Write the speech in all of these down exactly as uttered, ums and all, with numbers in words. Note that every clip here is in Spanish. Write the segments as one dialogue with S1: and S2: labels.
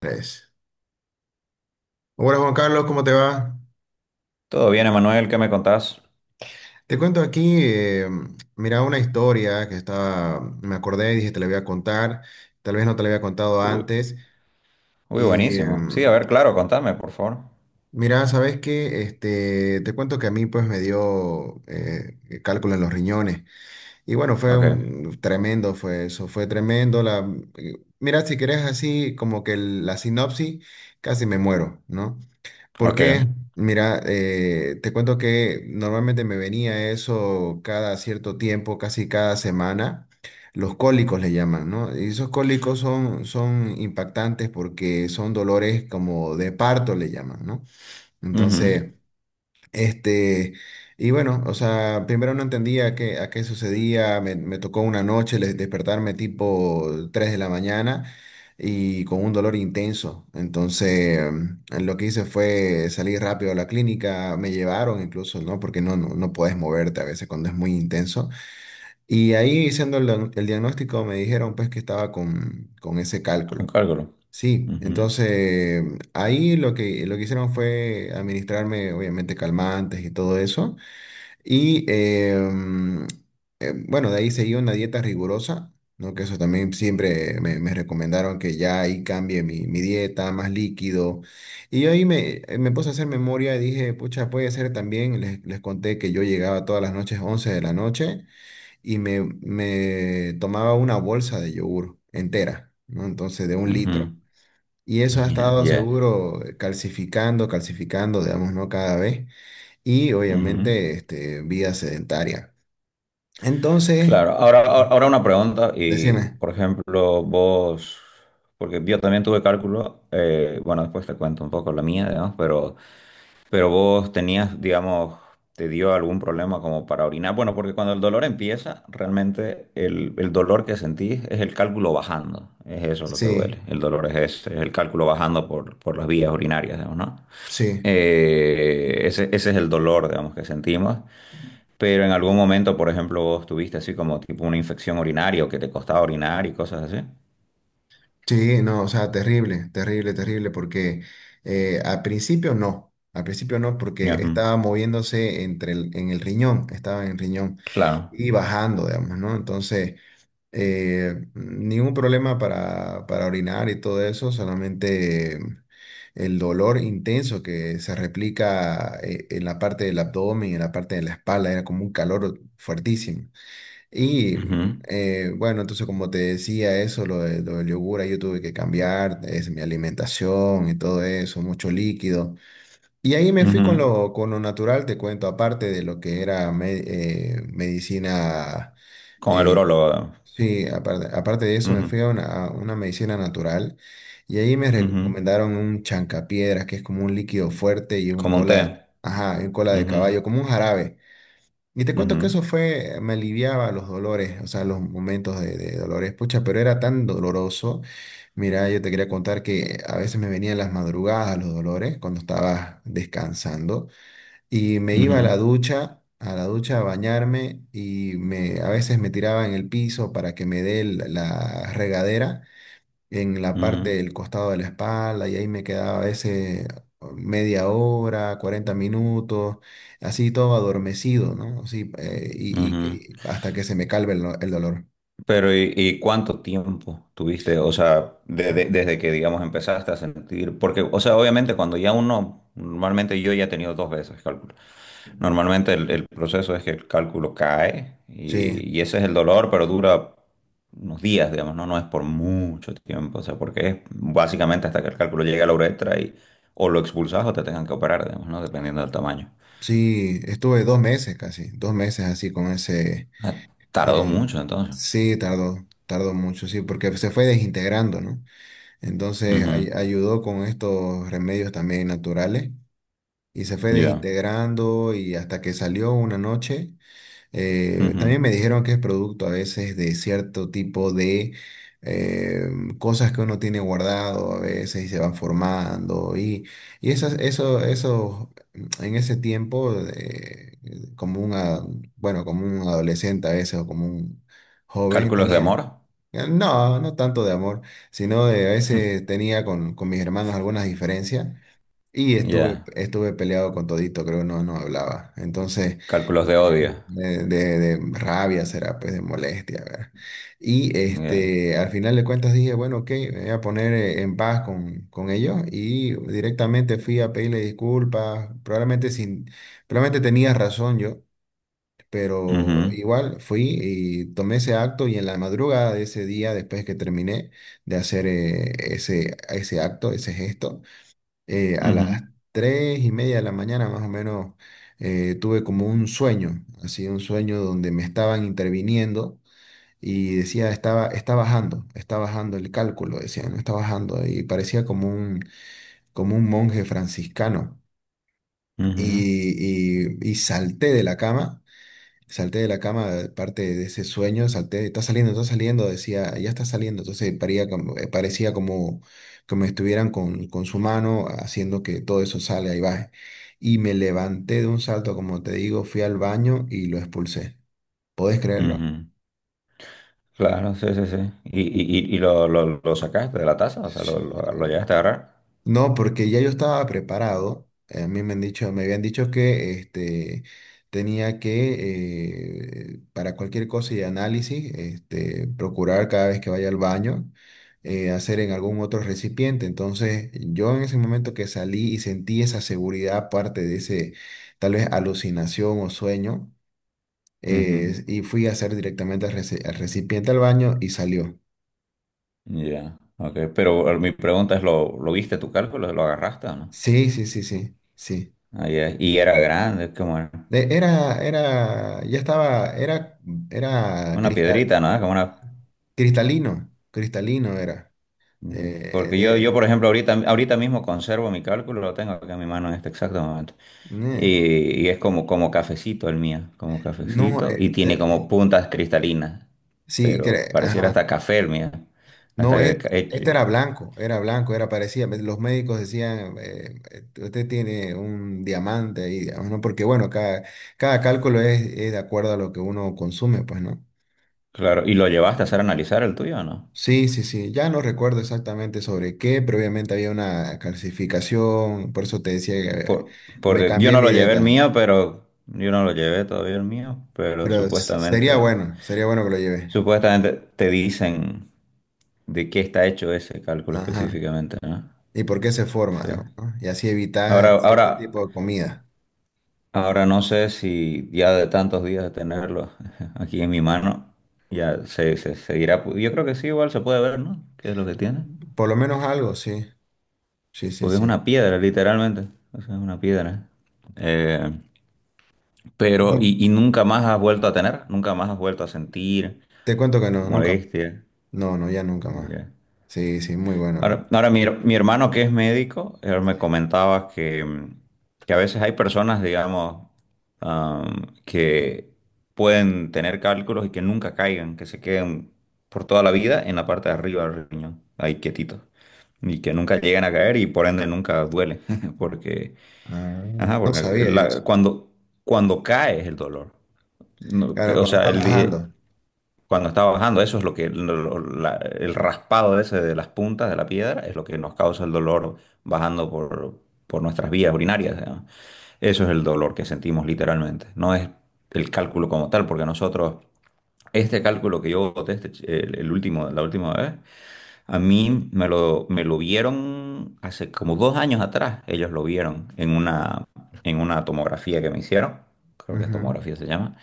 S1: Tres. Hola Juan Carlos, ¿cómo te va?
S2: Todo bien, Emanuel, ¿qué me contás?
S1: Te cuento aquí, eh, mira, una historia que estaba, me acordé y dije te la voy a contar, tal vez no te la había contado
S2: Uy,
S1: antes.
S2: uy,
S1: Y eh,
S2: buenísimo. Sí, a ver, claro, contame, por favor.
S1: mira, ¿sabes qué? Este, te cuento que a mí pues me dio eh, cálculo en los riñones. Y bueno, fue
S2: Ok,
S1: un- tremendo, fue eso, fue tremendo. La, eh, mira, si querés así como que el- la sinopsis, casi me muero, ¿no?
S2: ok.
S1: Porque, mira, eh, te cuento que normalmente me venía eso cada cierto tiempo, casi cada semana. Los cólicos le llaman, ¿no? Y esos cólicos son, son impactantes porque son dolores como de parto le llaman, ¿no?
S2: Ujú.
S1: Entonces, este, y bueno, o sea, primero no entendía qué, a qué sucedía, me, me tocó una noche le- despertarme tipo tres de la mañana y con un dolor intenso. Entonces, mm, lo que hice fue salir rápido a la clínica, me llevaron incluso, ¿no? Porque no, no, no puedes moverte a veces cuando es muy intenso. Y ahí, haciendo el, el diagnóstico, me dijeron pues que estaba con, con ese
S2: Con
S1: cálculo.
S2: cálculo.
S1: Sí,
S2: Ujú,
S1: entonces ahí lo que, lo que hicieron fue administrarme, obviamente, calmantes y todo eso. Y em, em, bueno, de ahí seguí una dieta rigurosa, ¿no? Que eso también siempre me, me recomendaron que ya ahí cambie mi, mi dieta, más líquido. Y yo ahí me, eh, me puse a hacer memoria y dije, pucha, puede ser también, les, les conté que yo llegaba todas las noches, once de la noche, y me, me tomaba una bolsa de yogur entera, ¿no? Entonces, de un litro.
S2: ujú.
S1: Y eso ha
S2: Yeah,
S1: estado
S2: yeah.
S1: seguro eh, calcificando, calcificando, digamos, ¿no? Cada vez. Y
S2: Ujú.
S1: obviamente, este, vida sedentaria. Entonces,
S2: Claro, ahora, ahora
S1: Ujú.
S2: ahora una pregunta y,
S1: Decime,
S2: por ejemplo, vos, porque yo también tuve cálculo, eh, bueno, después te cuento un poco la mía, digamos, pero Pero vos tenías, digamos, ¿te dio algún problema como para orinar? Bueno, porque cuando el dolor empieza, realmente el, el dolor que sentís es el cálculo bajando. Es eso lo que duele.
S1: sí,
S2: El dolor es ese, es el cálculo bajando por, por las vías urinarias, digamos, ¿no?
S1: sí,
S2: Eh, ese, ese es el dolor, digamos, que sentimos. Pero en algún momento, por ejemplo, ¿vos tuviste así como tipo una infección urinaria o que te costaba orinar y cosas así?
S1: sí, no, o sea, terrible, terrible, terrible, porque eh, al principio no, al principio no, porque
S2: Ujú.
S1: estaba moviéndose entre el- en el riñón, estaba en el riñón
S2: Claro.
S1: y bajando, digamos, ¿no? Entonces... eh, ningún problema para, para orinar y todo eso, solamente eh, el dolor intenso que se replica eh, en la parte del abdomen, en la parte de la espalda, era como un calor fuertísimo. Y mm, eh, bueno, entonces como te decía eso, lo, de- lo del yogur, ahí yo tuve que cambiar es, mi alimentación y todo eso, mucho líquido. Y ahí me
S2: Ujú,
S1: fui
S2: ujú.
S1: con lo, con lo natural, te cuento, aparte de lo que era me- eh, medicina.
S2: Con el
S1: eh,
S2: urólogo.
S1: Sí, aparte, aparte de eso me
S2: Ujú,
S1: fui a una, a una medicina natural y ahí me
S2: ujú.
S1: recomendaron un chancapiedras, que es como un líquido fuerte y un
S2: Como un té.
S1: cola de, ajá, un cola de
S2: Ujú,
S1: caballo, como un jarabe. Y te cuento que
S2: ujú,
S1: eso fue, me aliviaba los dolores, o sea, los momentos de, de dolores, pucha, pero era tan doloroso. Mira, yo te quería contar que a veces me venían las madrugadas los dolores cuando estaba descansando. Y me iba a
S2: ujú,
S1: la ducha, a la ducha a bañarme y me, a veces me tiraba en el piso para que me dé el- la regadera en la parte
S2: ujú,
S1: del costado de la espalda y ahí me quedaba a veces media hora, cuarenta minutos, así todo adormecido, ¿no? Así, eh, y, y
S2: ujú.
S1: que- hasta que se me calme el, do- el dolor.
S2: Pero ¿y, y cuánto tiempo tuviste? O sea, desde, desde que, digamos, empezaste a sentir, porque, o sea, obviamente cuando ya uno, normalmente yo ya he tenido dos veces cálculo. Normalmente el, el proceso es que el cálculo cae
S1: Sí,
S2: y, y ese es el dolor, pero dura unos días, digamos, ¿no? No es por mucho tiempo, o sea, porque es básicamente hasta que el cálculo llegue a la uretra y o lo expulsas o te tengan que operar, digamos, ¿no? Dependiendo del tamaño.
S1: sí, estuve dos meses casi, dos meses así con ese...
S2: Ah, tardó
S1: eh,
S2: mucho entonces.
S1: sí, tardó, tardó mucho, sí, porque se fue desintegrando, ¿no? Entonces
S2: Ujú.
S1: ay- ayudó con estos remedios también naturales y se fue
S2: Ya.
S1: desintegrando y hasta que salió una noche. Eh,
S2: Ujú.
S1: también me dijeron que es producto a veces de cierto tipo de eh, cosas que uno tiene guardado a veces y se van formando y, y esas, eso, eso en ese tiempo eh, como una, bueno, como un adolescente a veces o como un joven
S2: Cálculos de amor.
S1: tenía. No, no tanto de amor, sino de a veces tenía con, con mis hermanos algunas diferencias y estuve,
S2: Ya.
S1: estuve peleado con todito, creo que no, no hablaba. Entonces,
S2: Cálculos de odio.
S1: de, de- de rabia será, pues de molestia, ¿verdad? Y
S2: Ya.
S1: este, al final de cuentas dije, bueno, ok, me voy a poner eh, en paz con, con ellos y directamente fui a pedirle disculpas, probablemente sin, probablemente tenía razón yo, pero
S2: Ujú.
S1: igual fui y tomé ese acto y en la madrugada de ese día, después que terminé de hacer eh, ese, ese acto, ese gesto, eh, a
S2: Ujú.
S1: las tres y media de la mañana más o menos eh, tuve como un sueño, así un sueño donde me estaban interviniendo y decía, estaba, está bajando, está bajando el cálculo, decía, no está bajando y parecía como un, como un monje franciscano.
S2: Ujú.
S1: Y, y- y salté de la cama. Salté de la cama, parte de ese sueño, salté, está saliendo, está saliendo, decía, ya está saliendo. Entonces paría como- eh, parecía como que me estuvieran con, con su mano haciendo que todo eso salga y baje. Y me levanté de un salto, como te digo, fui al baño y lo expulsé. ¿Podés creerlo?
S2: Ujú. Claro, sí, sí, sí. ¿Y, y, y y lo, lo, lo sacaste de la taza? O sea,
S1: Sí.
S2: ¿lo, lo, lo llegaste a agarrar?
S1: No, porque ya yo estaba preparado. eh, A mí me han dicho, me habían dicho que este, tenía que, eh, para cualquier cosa y análisis, este, procurar cada vez que vaya al baño, eh, hacer en algún otro recipiente. Entonces, yo en ese momento que salí y sentí esa seguridad, aparte de ese, tal vez alucinación o sueño,
S2: Ujú.
S1: eh, y fui a hacer directamente al reci- al recipiente al baño y salió.
S2: Ya. Ok. Pero eh, mi pregunta es, ¿lo, lo viste tu cálculo? ¿Lo agarraste o no?
S1: Sí, sí, sí, sí, sí.
S2: Ah, ya. Y era grande, es como
S1: Eh, Era, era, ya estaba, era, era
S2: una
S1: crista-
S2: piedrita, ¿no? Es como una.
S1: cristalino, cristalino era.
S2: Ujú.
S1: Eh,
S2: Porque yo, yo,
S1: de-
S2: por ejemplo, ahorita, ahorita mismo conservo mi cálculo, lo tengo acá en mi mano en este exacto momento.
S1: eh,
S2: Y, y es como, como cafecito el mío, como
S1: no,
S2: cafecito, y
S1: eh,
S2: tiene como
S1: te-
S2: puntas cristalinas,
S1: sí,
S2: pero
S1: cre-
S2: pareciera
S1: ajá.
S2: hasta café el mío, hasta
S1: No, eh,
S2: que he hecho,
S1: este era blanco, era blanco, era parecía. Los médicos decían, eh, eh, usted tiene un diamante ahí, digamos, ¿no? Porque bueno, cada, cada cálculo es, es de acuerdo a lo que uno consume, pues, ¿no?
S2: claro, ¿y lo llevaste a hacer analizar el tuyo o no?
S1: Sí, sí, sí, ya no recuerdo exactamente sobre qué, pero obviamente había una calcificación, por eso te decía que
S2: Por,
S1: me
S2: porque yo
S1: cambié
S2: no
S1: mi
S2: lo llevé el
S1: dieta,
S2: mío, pero yo no lo llevé todavía el mío, pero
S1: pero s- sería
S2: supuestamente,
S1: bueno, sería bueno que lo lleve.
S2: supuestamente te dicen de qué está hecho ese cálculo
S1: Ajá.
S2: específicamente, ¿no?
S1: ¿Y por qué se forma?
S2: Sí.
S1: Digamos, ¿no? Y así
S2: Ahora,
S1: evitas
S2: ahora,
S1: cierto tipo de comida.
S2: ahora no sé si ya de tantos días de tenerlo aquí en mi mano, ya se, se seguirá. pu- Yo creo que sí, igual se puede ver, ¿no? ¿Qué es lo que tiene?
S1: Por lo menos algo, sí, sí, sí,
S2: Porque es
S1: sí.
S2: una piedra, literalmente. O sea, es una piedra. Eh,
S1: Y
S2: pero,
S1: con-
S2: y, y nunca más has vuelto a tener? ¿Nunca más has vuelto a sentir
S1: Te cuento que no, nunca más.
S2: molestia?
S1: No, no, ya nunca más.
S2: Ya.
S1: Sí, sí, muy bueno, pero...
S2: Ahora, ahora mi, her- mi hermano que es médico, él me
S1: sí.
S2: comentaba que, mm, que a veces hay personas, digamos, am, que pueden tener cálculos y que nunca caigan, que se queden por toda la vida en la parte de arriba del riñón, ahí quietitos, y que nunca lleguen a caer y por ende nunca duele, porque,
S1: Ah,
S2: ajá,
S1: no
S2: porque
S1: sabía yo
S2: la-
S1: eso.
S2: cuando, cuando cae es el dolor. No, que-
S1: Claro,
S2: o
S1: cuando
S2: sea,
S1: estaba
S2: el, di-
S1: bajando.
S2: cuando está bajando, eso es lo que lo- lo- la- el raspado ese de las puntas de la piedra es lo que nos causa el dolor bajando por, por nuestras vías urinarias, digamos. Eso es el dolor que sentimos literalmente. No es el cálculo como tal, porque nosotros, este cálculo que yo boté, este ch- el, el último, la última vez, a mí me lo, me lo vieron hace como dos años atrás. Ellos lo vieron en una, en una tomografía que me hicieron, creo que es
S1: Ujú.
S2: tomografía se llama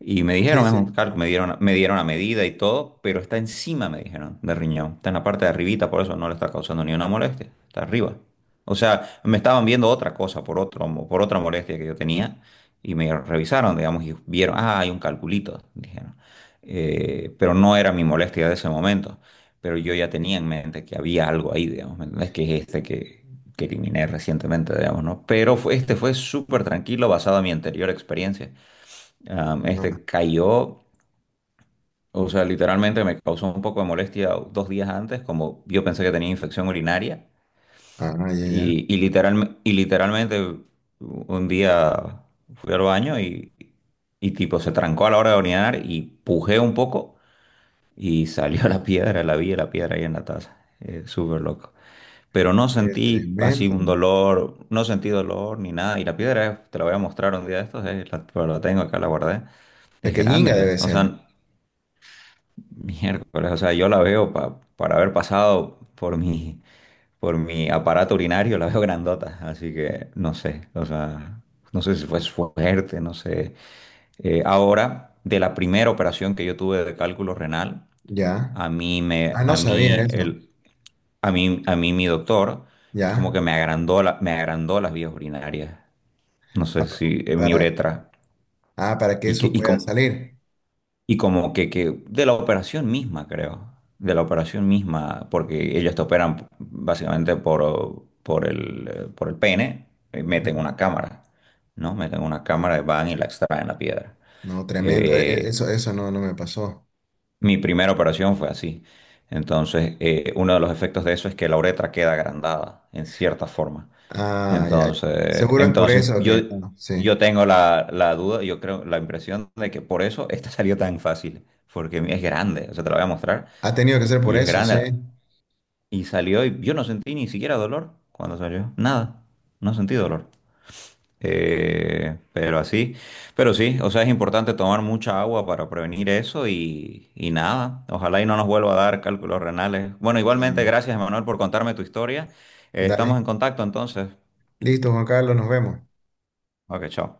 S2: y me
S1: Sí,
S2: dijeron, es un
S1: sí.
S2: calco, me dieron, me dieron la medida y todo, pero está encima, me dijeron, del riñón. Está en la parte de arribita, por eso no le está causando ni una molestia. Está arriba. O sea, me estaban viendo otra cosa por otro, mo- por otra molestia que yo tenía y me revisaron, digamos, y vieron, ah, hay un calculito, dijeron. Eh, pero no era mi molestia de ese momento. Pero yo ya tenía en mente que había algo ahí, digamos, ¿me entendés? Que es este que, que eliminé recientemente, digamos, ¿no? Pero fue- este fue súper tranquilo basado en mi anterior experiencia. Am, este cayó, o sea, literalmente me causó un poco de molestia dos días antes, como yo pensé que tenía infección urinaria,
S1: Ah, ah, ya, ya.
S2: y, y, literal, y literalmente un día fui al baño y, y tipo se trancó a la hora de orinar y pujé un poco y salió la piedra, la vi la piedra ahí en la taza. Eh, súper loco. Pero no
S1: Eh,
S2: sentí así
S1: tremendo.
S2: un dolor, no sentí dolor ni nada, y la piedra, eh, te la voy a mostrar un día de estos, eh, la, pero la tengo acá, la guardé. Es
S1: Pequeñinga
S2: grande, eh.
S1: debe
S2: O
S1: ser.
S2: sea, miércoles, o sea, yo la veo pa- para haber pasado por mi, por mi aparato urinario, la veo grandota, así que no sé, o sea, no sé si fue suerte, no sé. Eh, ahora, de la primera operación que yo tuve de cálculo renal,
S1: Ya.
S2: a mí
S1: Ah,
S2: me,
S1: no
S2: a
S1: sabía
S2: mí
S1: eso.
S2: el, a mí, a mí mi doctor es como
S1: Ya.
S2: que me agrandó la- me agrandó las vías urinarias, no
S1: Ah,
S2: sé
S1: pa-
S2: si en mi
S1: para,
S2: uretra
S1: ah, para que
S2: y que
S1: eso
S2: y
S1: pueda
S2: com-
S1: salir.
S2: y como que, que de la operación misma, creo, de la operación misma, porque ellos te operan básicamente por, por el, eh, por el pene, eh, meten
S1: Ujú.
S2: una cámara, ¿no? Meten una cámara, y van y la extraen la piedra.
S1: No, tremendo. E- e-
S2: Eh,
S1: Eso, eso no, no me pasó.
S2: Mi primera operación fue así. Entonces, eh, uno de los efectos de eso es que la uretra queda agrandada, en cierta forma.
S1: Ah, ya. Ya.
S2: Entonces,
S1: Seguro es por
S2: entonces
S1: eso
S2: yo,
S1: que no, sí.
S2: yo tengo la, la duda, yo creo, la impresión de que por eso esta salió tan fácil, porque es grande, o sea, te la voy a mostrar,
S1: Ha tenido que ser por
S2: y es
S1: eso, sí.
S2: grande, y salió, y yo no sentí ni siquiera dolor cuando salió, nada, no sentí dolor. Eh, pero así, pero sí, o sea, es importante tomar mucha agua para prevenir eso y, y nada, ojalá y no nos vuelva a dar cálculos renales. Bueno, igualmente,
S1: Sí.
S2: gracias, Emanuel, por contarme tu historia. Eh,
S1: Dale.
S2: estamos en contacto entonces.
S1: Listo, Juan Carlos, nos vemos.
S2: Ok, chao.